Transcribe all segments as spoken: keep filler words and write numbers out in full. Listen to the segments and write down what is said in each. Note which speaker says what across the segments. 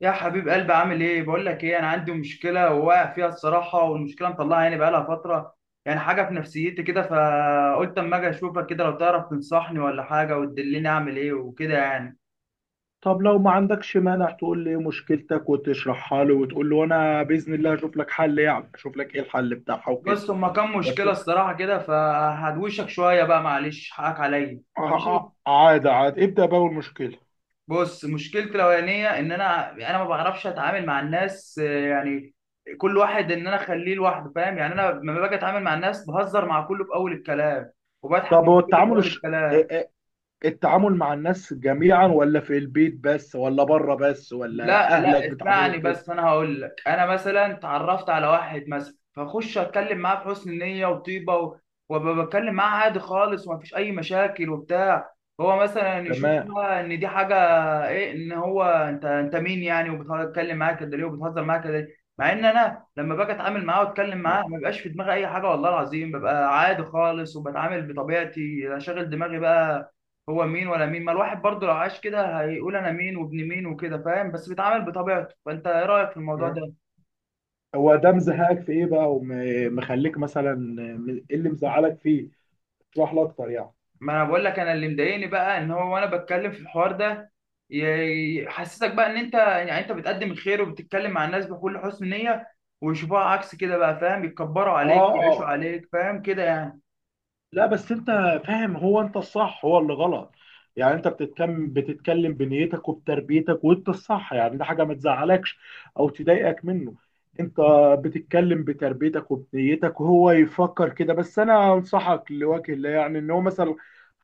Speaker 1: يا حبيب قلبي، عامل ايه؟ بقول لك ايه، انا عندي مشكله وواقع فيها الصراحه، والمشكله مطلعها يعني بقالها فتره، يعني حاجه في نفسيتي كده. فقلت اما اجي اشوفك كده لو تعرف تنصحني ولا حاجه وتدلني اعمل ايه وكده يعني.
Speaker 2: طب لو ما عندكش مانع تقول لي إيه مشكلتك وتشرحها له، وتقول له انا باذن الله هشوف لك حل، يعني اشوف لك ايه الحل بتاعها وكده.
Speaker 1: بص، هما كام
Speaker 2: بس.
Speaker 1: مشكله الصراحه كده، فهدوشك شويه بقى، معلش حقك عليا.
Speaker 2: ع-
Speaker 1: ماشي،
Speaker 2: ع- عادي عادي، ابدا باول مشكله.
Speaker 1: بص مشكلتي الاولانيه ان انا انا ما بعرفش اتعامل مع الناس، آه، يعني كل واحد ان انا اخليه لوحده، فاهم؟ يعني انا لما باجي اتعامل مع الناس بهزر مع كله في اول الكلام وبضحك
Speaker 2: طب
Speaker 1: من
Speaker 2: هو
Speaker 1: كله في
Speaker 2: التعامل
Speaker 1: اول
Speaker 2: الش... ا-
Speaker 1: الكلام.
Speaker 2: ا- التعامل مع الناس جميعا، ولا في البيت بس، ولا بره بس، ولا
Speaker 1: لا
Speaker 2: اهلك
Speaker 1: لا، اسمعني
Speaker 2: بتعاملهم كده؟
Speaker 1: بس، انا هقول لك. انا مثلا اتعرفت على واحد مثلا، فاخش اتكلم معاه بحسن نيه وطيبه و- وابقى بتكلم معاه عادي خالص ومفيش اي مشاكل وبتاع. هو مثلا يشوف
Speaker 2: تمام.
Speaker 1: بقى ان دي حاجه ايه، ان هو انت انت مين يعني؟ وبتتكلم معاه كده ليه؟ وبتهزر معاه كده ليه؟ مع ان انا لما باجي اتعامل معاه واتكلم معاه
Speaker 2: أيوة.
Speaker 1: ما بيبقاش في دماغي اي حاجه، والله العظيم ببقى عادي خالص وبتعامل بطبيعتي، لا شاغل دماغي بقى هو مين ولا مين. ما الواحد برضه لو عاش كده هيقول انا مين وابن مين وكده، فاهم؟ بس بيتعامل بطبيعته. فانت ايه رايك في الموضوع
Speaker 2: م.
Speaker 1: ده؟
Speaker 2: هو ده مزهقك في ايه بقى، ومخليك مثلا، م- ايه اللي مزعلك فيه؟ اشرح لي اكتر يعني.
Speaker 1: ما انا بقول لك، انا اللي مضايقني بقى ان هو وانا بتكلم في الحوار ده ي- يحسسك بقى ان انت، يعني انت بتقدم الخير وبتتكلم مع الناس بكل حسن نية ويشوفوها عكس كده بقى، فاهم؟ يتكبروا
Speaker 2: اه،
Speaker 1: عليك،
Speaker 2: اه،
Speaker 1: يعيشوا
Speaker 2: آه.
Speaker 1: عليك، فاهم كده يعني.
Speaker 2: لا، بس انت فاهم، هو انت الصح، هو اللي غلط. يعني انت بتتكلم بتتكلم بنيتك وبتربيتك، وانت الصح. يعني ده حاجه ما تزعلكش او تضايقك منه. انت بتتكلم بتربيتك وبنيتك، وهو يفكر كده. بس انا انصحك لوجه الله، يعني ان هو مثلا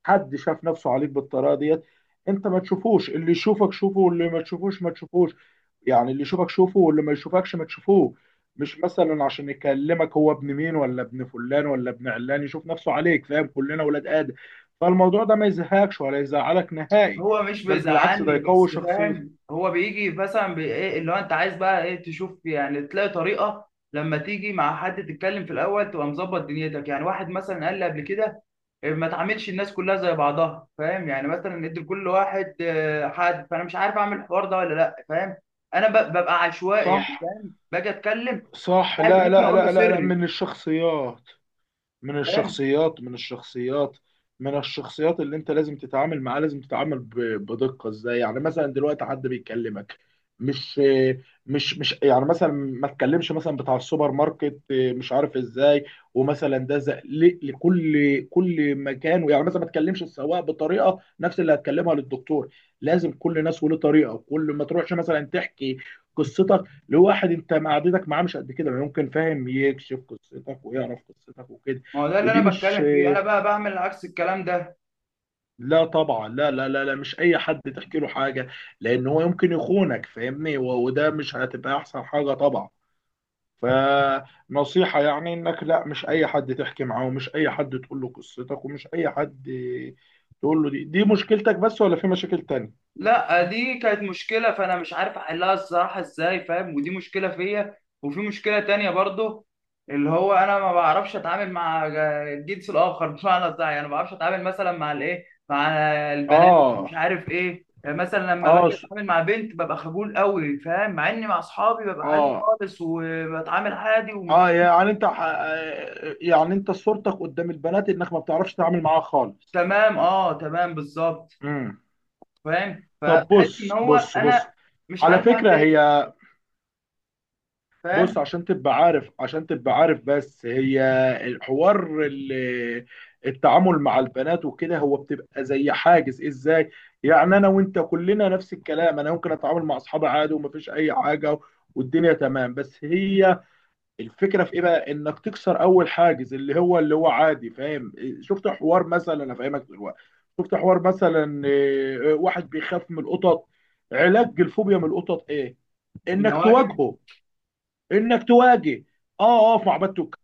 Speaker 2: حد شاف نفسه عليك بالطريقه ديت، انت ما تشوفوش. اللي يشوفك شوفه، واللي ما تشوفوش ما تشوفوش. يعني اللي يشوفك شوفه، واللي ما يشوفكش ما تشوفوش. مش مثلا عشان يكلمك هو ابن مين ولا ابن فلان ولا ابن علان يشوف نفسه عليك، فاهم؟ كلنا ولاد آدم. فالموضوع ده ما يزهقش ولا يزعلك نهائي،
Speaker 1: هو مش
Speaker 2: بل بالعكس ده
Speaker 1: بيزعلني،
Speaker 2: يقوي
Speaker 1: بس فاهم
Speaker 2: شخصيتك.
Speaker 1: هو بيجي مثلا بي- ايه اللي هو انت عايز بقى ايه تشوف، يعني تلاقي طريقه لما تيجي مع حد تتكلم في الاول تبقى مظبط دنيتك. يعني واحد مثلا قال لي قبل كده إيه، ما تعاملش الناس كلها زي بعضها، فاهم؟ يعني مثلا ادي لكل واحد آه، حد. فانا مش عارف اعمل الحوار ده ولا لا، فاهم؟ انا ب- ببقى عشوائي
Speaker 2: صح،
Speaker 1: يعني، فاهم؟ باجي اتكلم
Speaker 2: صح.
Speaker 1: عادي،
Speaker 2: لا،
Speaker 1: ممكن
Speaker 2: لا،
Speaker 1: اقول له
Speaker 2: لا، لا، لا،
Speaker 1: سري،
Speaker 2: من الشخصيات، من
Speaker 1: فاهم؟
Speaker 2: الشخصيات من الشخصيات من الشخصيات اللي انت لازم تتعامل معاه، لازم تتعامل ب- بدقة. ازاي يعني؟ مثلا دلوقتي حد بيكلمك، مش مش مش يعني مثلا ما تكلمش مثلا بتاع السوبر ماركت، اه، مش عارف ازاي. ومثلا ده زق ل- لكل كل مكان. يعني مثلا ما تكلمش السواق بطريقة نفس اللي هتكلمها للدكتور. لازم كل ناس وله طريقة. وكل ما تروحش مثلا تحكي قصتك لواحد انت معدتك معاه مش قد كده، ممكن فاهم يكشف قصتك ويعرف قصتك وكده.
Speaker 1: ما هو ده اللي
Speaker 2: ودي
Speaker 1: انا
Speaker 2: مش.
Speaker 1: بتكلم فيه، انا بقى بعمل عكس الكلام ده.
Speaker 2: لا طبعا، لا، لا، لا، لا، مش اي حد تحكي له حاجه. لان هو يمكن يخونك، فاهمني، و- وده مش هتبقى احسن حاجه طبعا. فنصيحه يعني انك لا، مش اي حد تحكي معاه، ومش اي حد تقول له قصتك، ومش اي حد تقول له دي دي مشكلتك بس، ولا في مشاكل تانية؟
Speaker 1: لا، دي كانت مشكلة فأنا مش عارف أحلها الصراحة إزاي، فاهم؟ ودي مشكلة فيا. وفي مشكلة تانية برضه، اللي هو أنا ما بعرفش أتعامل مع الجنس الآخر، بمعنى صح يعني ما بعرفش أتعامل مثلا مع الإيه، مع البنات،
Speaker 2: اه،
Speaker 1: مش عارف إيه. يعني مثلا لما
Speaker 2: اه،
Speaker 1: باجي
Speaker 2: س-
Speaker 1: أتعامل مع بنت ببقى خجول قوي، فاهم؟ مع إني مع أصحابي ببقى عادي
Speaker 2: اه،
Speaker 1: خالص وبتعامل عادي ومفيش.
Speaker 2: اه، يعني انت، ح- آه، يعني انت صورتك قدام البنات انك ما بتعرفش تتعامل معاها خالص.
Speaker 1: تمام أه تمام بالظبط.
Speaker 2: امم
Speaker 1: فاهم؟
Speaker 2: طب
Speaker 1: فبحس إن
Speaker 2: بص
Speaker 1: هو
Speaker 2: بص بص،
Speaker 1: أنا مش
Speaker 2: على
Speaker 1: عارف أعمل
Speaker 2: فكرة
Speaker 1: إيه،
Speaker 2: هي،
Speaker 1: فاهم؟
Speaker 2: بص عشان تبقى عارف، عشان تبقى عارف بس هي الحوار، ال- التعامل مع البنات وكده، هو بتبقى زي حاجز ازاي. يعني انا وانت كلنا نفس الكلام، انا ممكن اتعامل مع اصحابي عادي ومفيش اي حاجه والدنيا تمام. بس هي الفكره في ايه بقى؟ انك تكسر اول حاجز، اللي هو اللي هو عادي، فاهم؟ شفت حوار مثلا، انا فاهمك دلوقتي. شفت حوار مثلا، آه، واحد بيخاف من القطط، علاج الفوبيا من القطط ايه؟ انك
Speaker 1: النواجذ.
Speaker 2: تواجهه. انك تواجه اه، اقف مع بنت واتكلم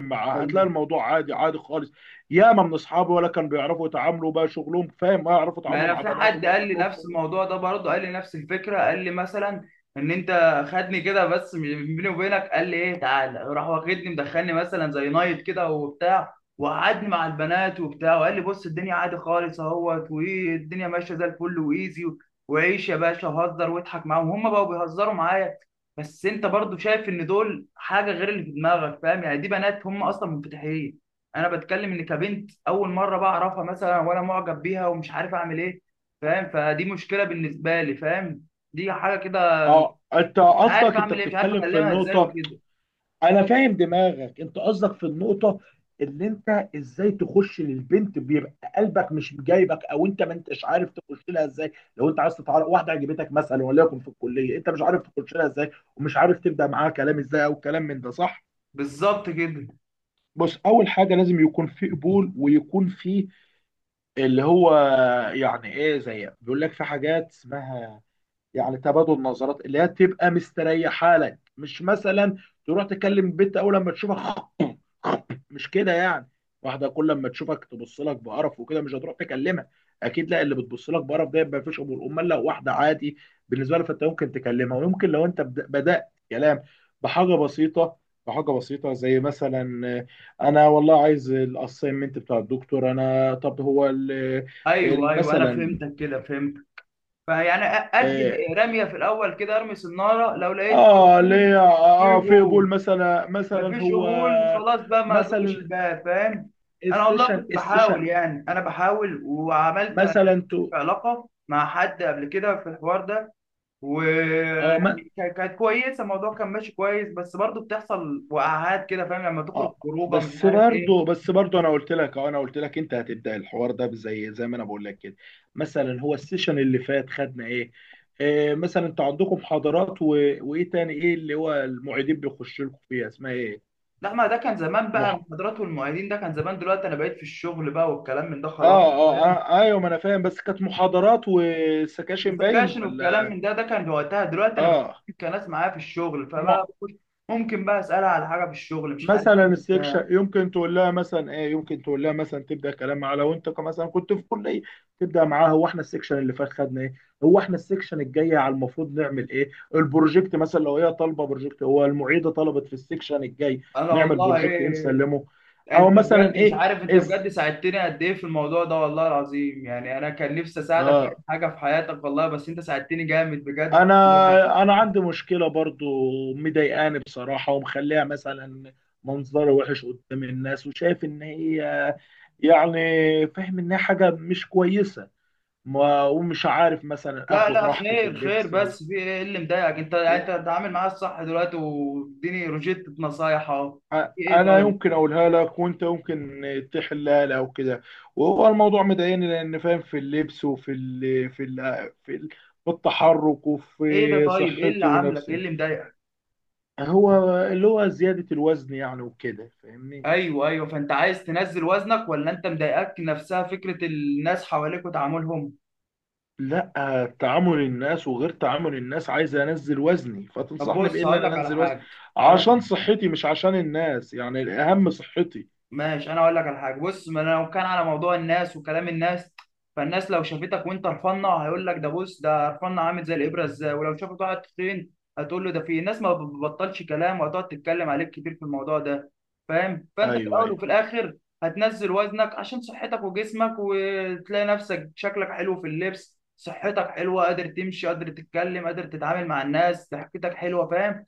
Speaker 2: معاها، هتلاقي الموضوع عادي، عادي خالص. ياما من اصحابي ولا كانوا بيعرفوا يتعاملوا، بقى شغلهم فاهم، ما يعرفوا
Speaker 1: ما
Speaker 2: يتعاملوا
Speaker 1: انا
Speaker 2: مع
Speaker 1: في
Speaker 2: بنات،
Speaker 1: حد
Speaker 2: وبقى
Speaker 1: قال لي
Speaker 2: شغلهم
Speaker 1: نفس
Speaker 2: كله.
Speaker 1: الموضوع ده برضه، قال لي نفس الفكره، قال لي مثلا ان انت خدني كده بس من- بيني وبينك قال لي ايه، تعالى، راح واخدني مدخلني مثلا زي نايت كده وبتاع، وقعدني مع البنات وبتاع، وقال لي بص الدنيا عادي خالص اهوت، وايه الدنيا ماشيه زي الفل وايزي، وعيش يا باشا وهزر واضحك معاهم، هم بقوا بيهزروا معايا. بس انت برضه شايف ان دول حاجه غير اللي في دماغك، فاهم؟ يعني دي بنات هم اصلا منفتحين. انا بتكلم ان كبنت اول مره بعرفها مثلا وانا معجب بيها ومش عارف اعمل ايه، فاهم؟ فدي مشكله بالنسبه لي، فاهم؟ دي حاجه كده،
Speaker 2: اه، انت
Speaker 1: مش عارف
Speaker 2: قصدك انت
Speaker 1: اعمل ايه، مش عارف
Speaker 2: بتتكلم في
Speaker 1: اكلمها ازاي
Speaker 2: النقطة.
Speaker 1: وكده.
Speaker 2: انا فاهم دماغك، انت قصدك في النقطة اللي انت ازاي تخش للبنت، بيبقى قلبك مش جايبك، او انت ما انتش عارف تخش لها ازاي. لو انت عايز تتعرف واحده عجبتك مثلا، وليكن في الكليه، انت مش عارف تخش لها ازاي، ومش عارف تبدا معاها كلام ازاي، او كلام من ده، صح؟
Speaker 1: بالظبط كده.
Speaker 2: بص، اول حاجه لازم يكون في قبول، ويكون في اللي هو، يعني ايه، زي بيقول لك في حاجات اسمها، يعني تبادل نظرات، اللي هي تبقى مستريحه لك. مش مثلا تروح تكلم البت اول لما تشوفها مش كده يعني. واحده كل لما تشوفك تبص لك بقرف وكده، مش هتروح تكلمها اكيد، لا. اللي بتبص لك بقرف ده ما فيش امور. امال لو واحده عادي بالنسبه لها، فانت ممكن تكلمها. ويمكن لو انت بد- بدات كلام بحاجه بسيطه، بحاجه بسيطه زي مثلا، آه، انا والله عايز الاساينمنت بتاع الدكتور. انا طب هو ال-
Speaker 1: ايوه
Speaker 2: ال-
Speaker 1: ايوه، انا
Speaker 2: مثلا،
Speaker 1: فهمتك كده، فهمت. فيعني أ- ادي
Speaker 2: اه،
Speaker 1: رميه في الاول كده، ارمي صناره لو لقيت
Speaker 2: آه،
Speaker 1: قبول،
Speaker 2: ليه؟ اه،
Speaker 1: في
Speaker 2: في قبول
Speaker 1: قبول.
Speaker 2: مثلا؟ مثلا
Speaker 1: مفيش
Speaker 2: هو
Speaker 1: قبول خلاص بقى، ما ادقش
Speaker 2: مثلا
Speaker 1: الباب، فاهم؟ انا والله
Speaker 2: السيشن،
Speaker 1: كنت
Speaker 2: السيشن
Speaker 1: بحاول، يعني انا بحاول وعملت في
Speaker 2: مثلا، تو
Speaker 1: علاقه مع حد قبل كده في الحوار ده،
Speaker 2: اه،
Speaker 1: ويعني كا- كانت كويسه، الموضوع كان ماشي كويس، بس برضه بتحصل وقعات كده، فاهم؟ لما تخرج
Speaker 2: اه.
Speaker 1: خروجه مش
Speaker 2: بس
Speaker 1: عارف ايه.
Speaker 2: برضو، بس برضو انا قلت لك، اه انا قلت لك انت هتبدا الحوار ده، زي زي ما انا بقول لك كده. مثلا هو السيشن اللي فات خدنا ايه؟ آه مثلا انتوا عندكم محاضرات و... وايه تاني؟ ايه اللي هو المعيدين بيخشوا لكم فيها، اسمها ايه؟
Speaker 1: لا، ما ده كان زمان بقى،
Speaker 2: مح...
Speaker 1: المحاضرات والمعيدين ده كان زمان، دلوقتي انا بقيت في الشغل بقى والكلام من ده
Speaker 2: اه،
Speaker 1: خلاص،
Speaker 2: اه،
Speaker 1: فاهم؟
Speaker 2: اه، ايوه، ما انا فاهم. بس كانت محاضرات وسكاشن، باين
Speaker 1: والسكاشن والكلام
Speaker 2: ولا؟
Speaker 1: من ده ده كان وقتها، دلوقتي انا
Speaker 2: اه،
Speaker 1: بقيت كناس معايا في الشغل، فبقى
Speaker 2: مع...
Speaker 1: بخش ممكن بقى اسالها على حاجه في الشغل، مش عارف
Speaker 2: مثلا
Speaker 1: ايه بتاع.
Speaker 2: السكشن يمكن تقول لها مثلا ايه. يمكن تقول لها مثلا تبدا كلام معاها، لو انت ك- مثلا كنت في كليه، تبدا معاها هو احنا السكشن اللي فات خدنا ايه، هو احنا السكشن الجاي على المفروض نعمل ايه، البروجكت مثلا لو هي طالبه بروجكت، هو المعيده طلبت في السكشن الجاي
Speaker 1: انا
Speaker 2: نعمل
Speaker 1: والله
Speaker 2: بروجكت ايه
Speaker 1: ايه،
Speaker 2: نسلمه. او
Speaker 1: انت
Speaker 2: مثلا
Speaker 1: بجد مش
Speaker 2: ايه،
Speaker 1: عارف، انت
Speaker 2: اس
Speaker 1: بجد ساعدتني قد ايه في الموضوع ده والله العظيم، يعني انا كان نفسي اساعدك في اي
Speaker 2: اه،
Speaker 1: حاجه في حياتك والله، بس انت ساعدتني جامد بجد.
Speaker 2: انا انا عندي مشكله برضو مضايقاني بصراحه، ومخليها مثلا منظري وحش قدام الناس، وشايف ان هي يعني، فاهم ان هي حاجه مش كويسه. ما ومش عارف مثلا
Speaker 1: لا
Speaker 2: اخد
Speaker 1: لا،
Speaker 2: راحتي في
Speaker 1: خير خير،
Speaker 2: اللبس و...
Speaker 1: بس في ايه اللي مضايقك؟ انت
Speaker 2: و...
Speaker 1: انت بتتعامل معايا الصح دلوقتي، واديني روشتة نصايح اهو.
Speaker 2: أ-
Speaker 1: في ايه
Speaker 2: انا
Speaker 1: طيب؟
Speaker 2: يمكن اقولها لك وانت يمكن تحلها لي او كده. وهو الموضوع مضايقني لان، فاهم، في اللبس، وفي ال... في ال... في ال... في التحرك،
Speaker 1: ايه ده؟
Speaker 2: وفي
Speaker 1: طيب ايه اللي
Speaker 2: صحتي
Speaker 1: عاملك، ايه
Speaker 2: ونفسي.
Speaker 1: اللي مضايقك؟
Speaker 2: هو اللي هو زيادة الوزن يعني وكده، فاهمني.
Speaker 1: ايوه ايوه، فانت عايز تنزل وزنك، ولا انت مضايقك نفسها فكره الناس حواليك وتعاملهم؟
Speaker 2: لا، تعامل الناس وغير تعامل الناس، عايز انزل وزني.
Speaker 1: طب
Speaker 2: فتنصحني بايه
Speaker 1: بص،
Speaker 2: اللي
Speaker 1: هقول لك
Speaker 2: انا
Speaker 1: على
Speaker 2: انزل وزني
Speaker 1: حاجه، هقول لك،
Speaker 2: عشان صحتي، مش عشان الناس، يعني الاهم صحتي.
Speaker 1: ماشي، انا اقول لك على حاجه. بص، ما انا لو كان على موضوع الناس وكلام الناس، فالناس لو شافتك وانت رفنه هيقول لك ده، بص ده رفنه عامل زي الابره ازاي، ولو شافت واحد تخين هتقول له ده، في الناس ما بتبطلش كلام، وهتقعد تتكلم عليك كتير في الموضوع ده، فاهم؟ فانت في
Speaker 2: ايوه،
Speaker 1: الاول
Speaker 2: ايوه.
Speaker 1: وفي الاخر هتنزل وزنك عشان صحتك وجسمك، وتلاقي نفسك شكلك حلو في اللبس، صحتك حلوه، قادر تمشي، قادر تتكلم، قادر تتعامل مع الناس، ضحكتك حلوه، فاهم؟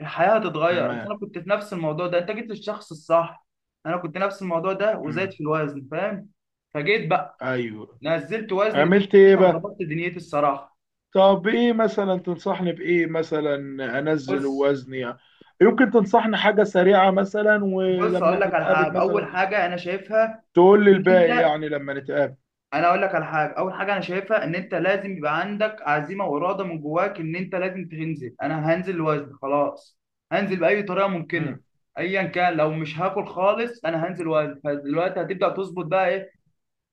Speaker 1: الحياة هتتغير. أصل
Speaker 2: تمام.
Speaker 1: أنا كنت في نفس الموضوع ده، أنت جيت للشخص الصح. أنا كنت نفس الموضوع ده
Speaker 2: مم.
Speaker 1: وزايد في الوزن، فاهم؟ فجيت بقى
Speaker 2: ايوه.
Speaker 1: نزلت وزن ده
Speaker 2: عملت ايه بقى؟
Speaker 1: وظبطت دنيتي الصراحة.
Speaker 2: طب ايه مثلا تنصحني بايه مثلا؟ انزل
Speaker 1: بص
Speaker 2: وزني، يمكن تنصحني حاجة سريعة مثلا،
Speaker 1: بص، أقول
Speaker 2: ولما
Speaker 1: لك على
Speaker 2: نتقابل
Speaker 1: حاجة أول
Speaker 2: مثلا
Speaker 1: حاجة أنا شايفها
Speaker 2: تقول لي
Speaker 1: إن
Speaker 2: الباقي
Speaker 1: أنت
Speaker 2: يعني لما نتقابل.
Speaker 1: أنا أقول لك على حاجة، أول حاجة أنا شايفها إن أنت لازم يبقى عندك عزيمة وإرادة من جواك، إن أنت لازم تنزل. أنا هنزل وزن خلاص، هنزل بأي طريقة ممكنة،
Speaker 2: مم.
Speaker 1: أيا كان، لو مش هاكل خالص أنا هنزل وزن. فدلوقتي هتبدأ تظبط بقى إيه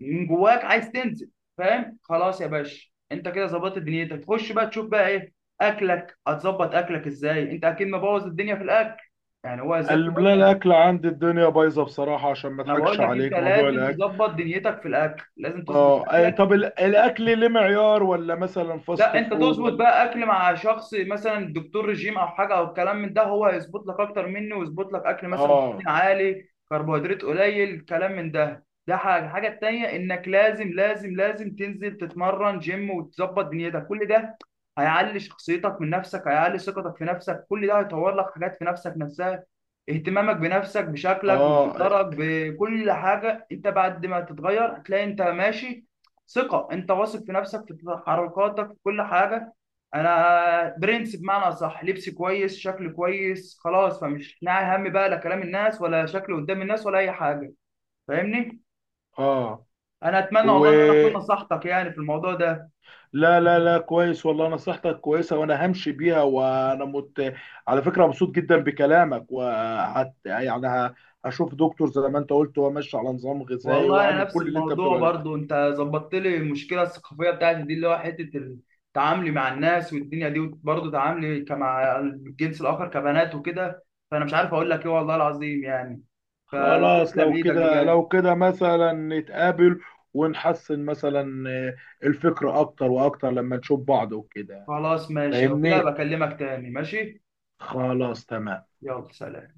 Speaker 1: من جواك عايز تنزل. فاهم؟ خلاص يا باشا، انت كده ظبطت دنيتك، تخش بقى تشوف بقى ايه، اكلك هتظبط اكلك ازاي، انت اكيد مبوظ الدنيا في الاكل، يعني هو ازاي.
Speaker 2: ال- لا، الاكل عندي الدنيا بايظه بصراحه، عشان ما
Speaker 1: انا
Speaker 2: اضحكش
Speaker 1: بقول لك انت
Speaker 2: عليك، موضوع
Speaker 1: لازم
Speaker 2: الاكل.
Speaker 1: تظبط دنيتك في الاكل، لازم تظبط
Speaker 2: اه، أي-
Speaker 1: اكلك.
Speaker 2: طب ال- الاكل ليه معيار؟ ولا مثلا
Speaker 1: لا،
Speaker 2: فاست
Speaker 1: انت
Speaker 2: فود
Speaker 1: تظبط
Speaker 2: ولا؟
Speaker 1: بقى اكل مع شخص مثلا دكتور رجيم او حاجه او الكلام من ده، هو هيظبط لك اكتر مني، ويظبط لك اكل مثلا بروتين
Speaker 2: اه،
Speaker 1: عالي كربوهيدرات قليل كلام من ده، ده حاجه. الحاجه التانيه انك لازم لازم لازم تنزل تتمرن جيم وتظبط دنيتك، كل ده هيعلي شخصيتك من نفسك، هيعلي ثقتك في نفسك، كل ده هيطور لك حاجات في نفسك نفسها. اهتمامك بنفسك بشكلك
Speaker 2: اه،
Speaker 1: بمنظرك بكل حاجه، انت بعد ما تتغير هتلاقي انت ماشي ثقه، انت واثق في نفسك في تحركاتك في كل حاجه. انا برنس بمعنى اصح، لبسي كويس، شكلي كويس، خلاص، فمش ناعي هم بقى لا كلام الناس ولا شكلي قدام الناس ولا اي حاجه، فاهمني؟
Speaker 2: اه،
Speaker 1: انا اتمنى
Speaker 2: و
Speaker 1: والله ان انا اكون نصحتك يعني في الموضوع ده.
Speaker 2: لا، لا، لا، كويس والله، نصيحتك كويسه وانا همشي بيها. وانا مت، على فكره مبسوط جدا بكلامك، وحت يعني ه- هشوف دكتور زي ما انت قلت، وامشي على نظام غذائي،
Speaker 1: والله انا
Speaker 2: واعمل
Speaker 1: نفس
Speaker 2: كل اللي انت بتقول
Speaker 1: الموضوع
Speaker 2: عليه.
Speaker 1: برضو، انت ظبطت لي المشكله الثقافيه بتاعتي دي، اللي هو حته تعاملي مع الناس والدنيا دي، وبرضه تعاملي كمع الجنس الاخر كبنات وكده، فانا مش عارف اقول لك ايه والله العظيم يعني،
Speaker 2: خلاص
Speaker 1: فتسلم
Speaker 2: لو
Speaker 1: ايدك
Speaker 2: كده،
Speaker 1: بجد.
Speaker 2: لو كده مثلا نتقابل، ونحسن مثلا، آه، الفكرة أكتر وأكتر لما نشوف بعض وكده.
Speaker 1: خلاص ماشي، لو كده
Speaker 2: فاهمني؟
Speaker 1: بكلمك تاني، ماشي،
Speaker 2: خلاص تمام.
Speaker 1: يلا سلام.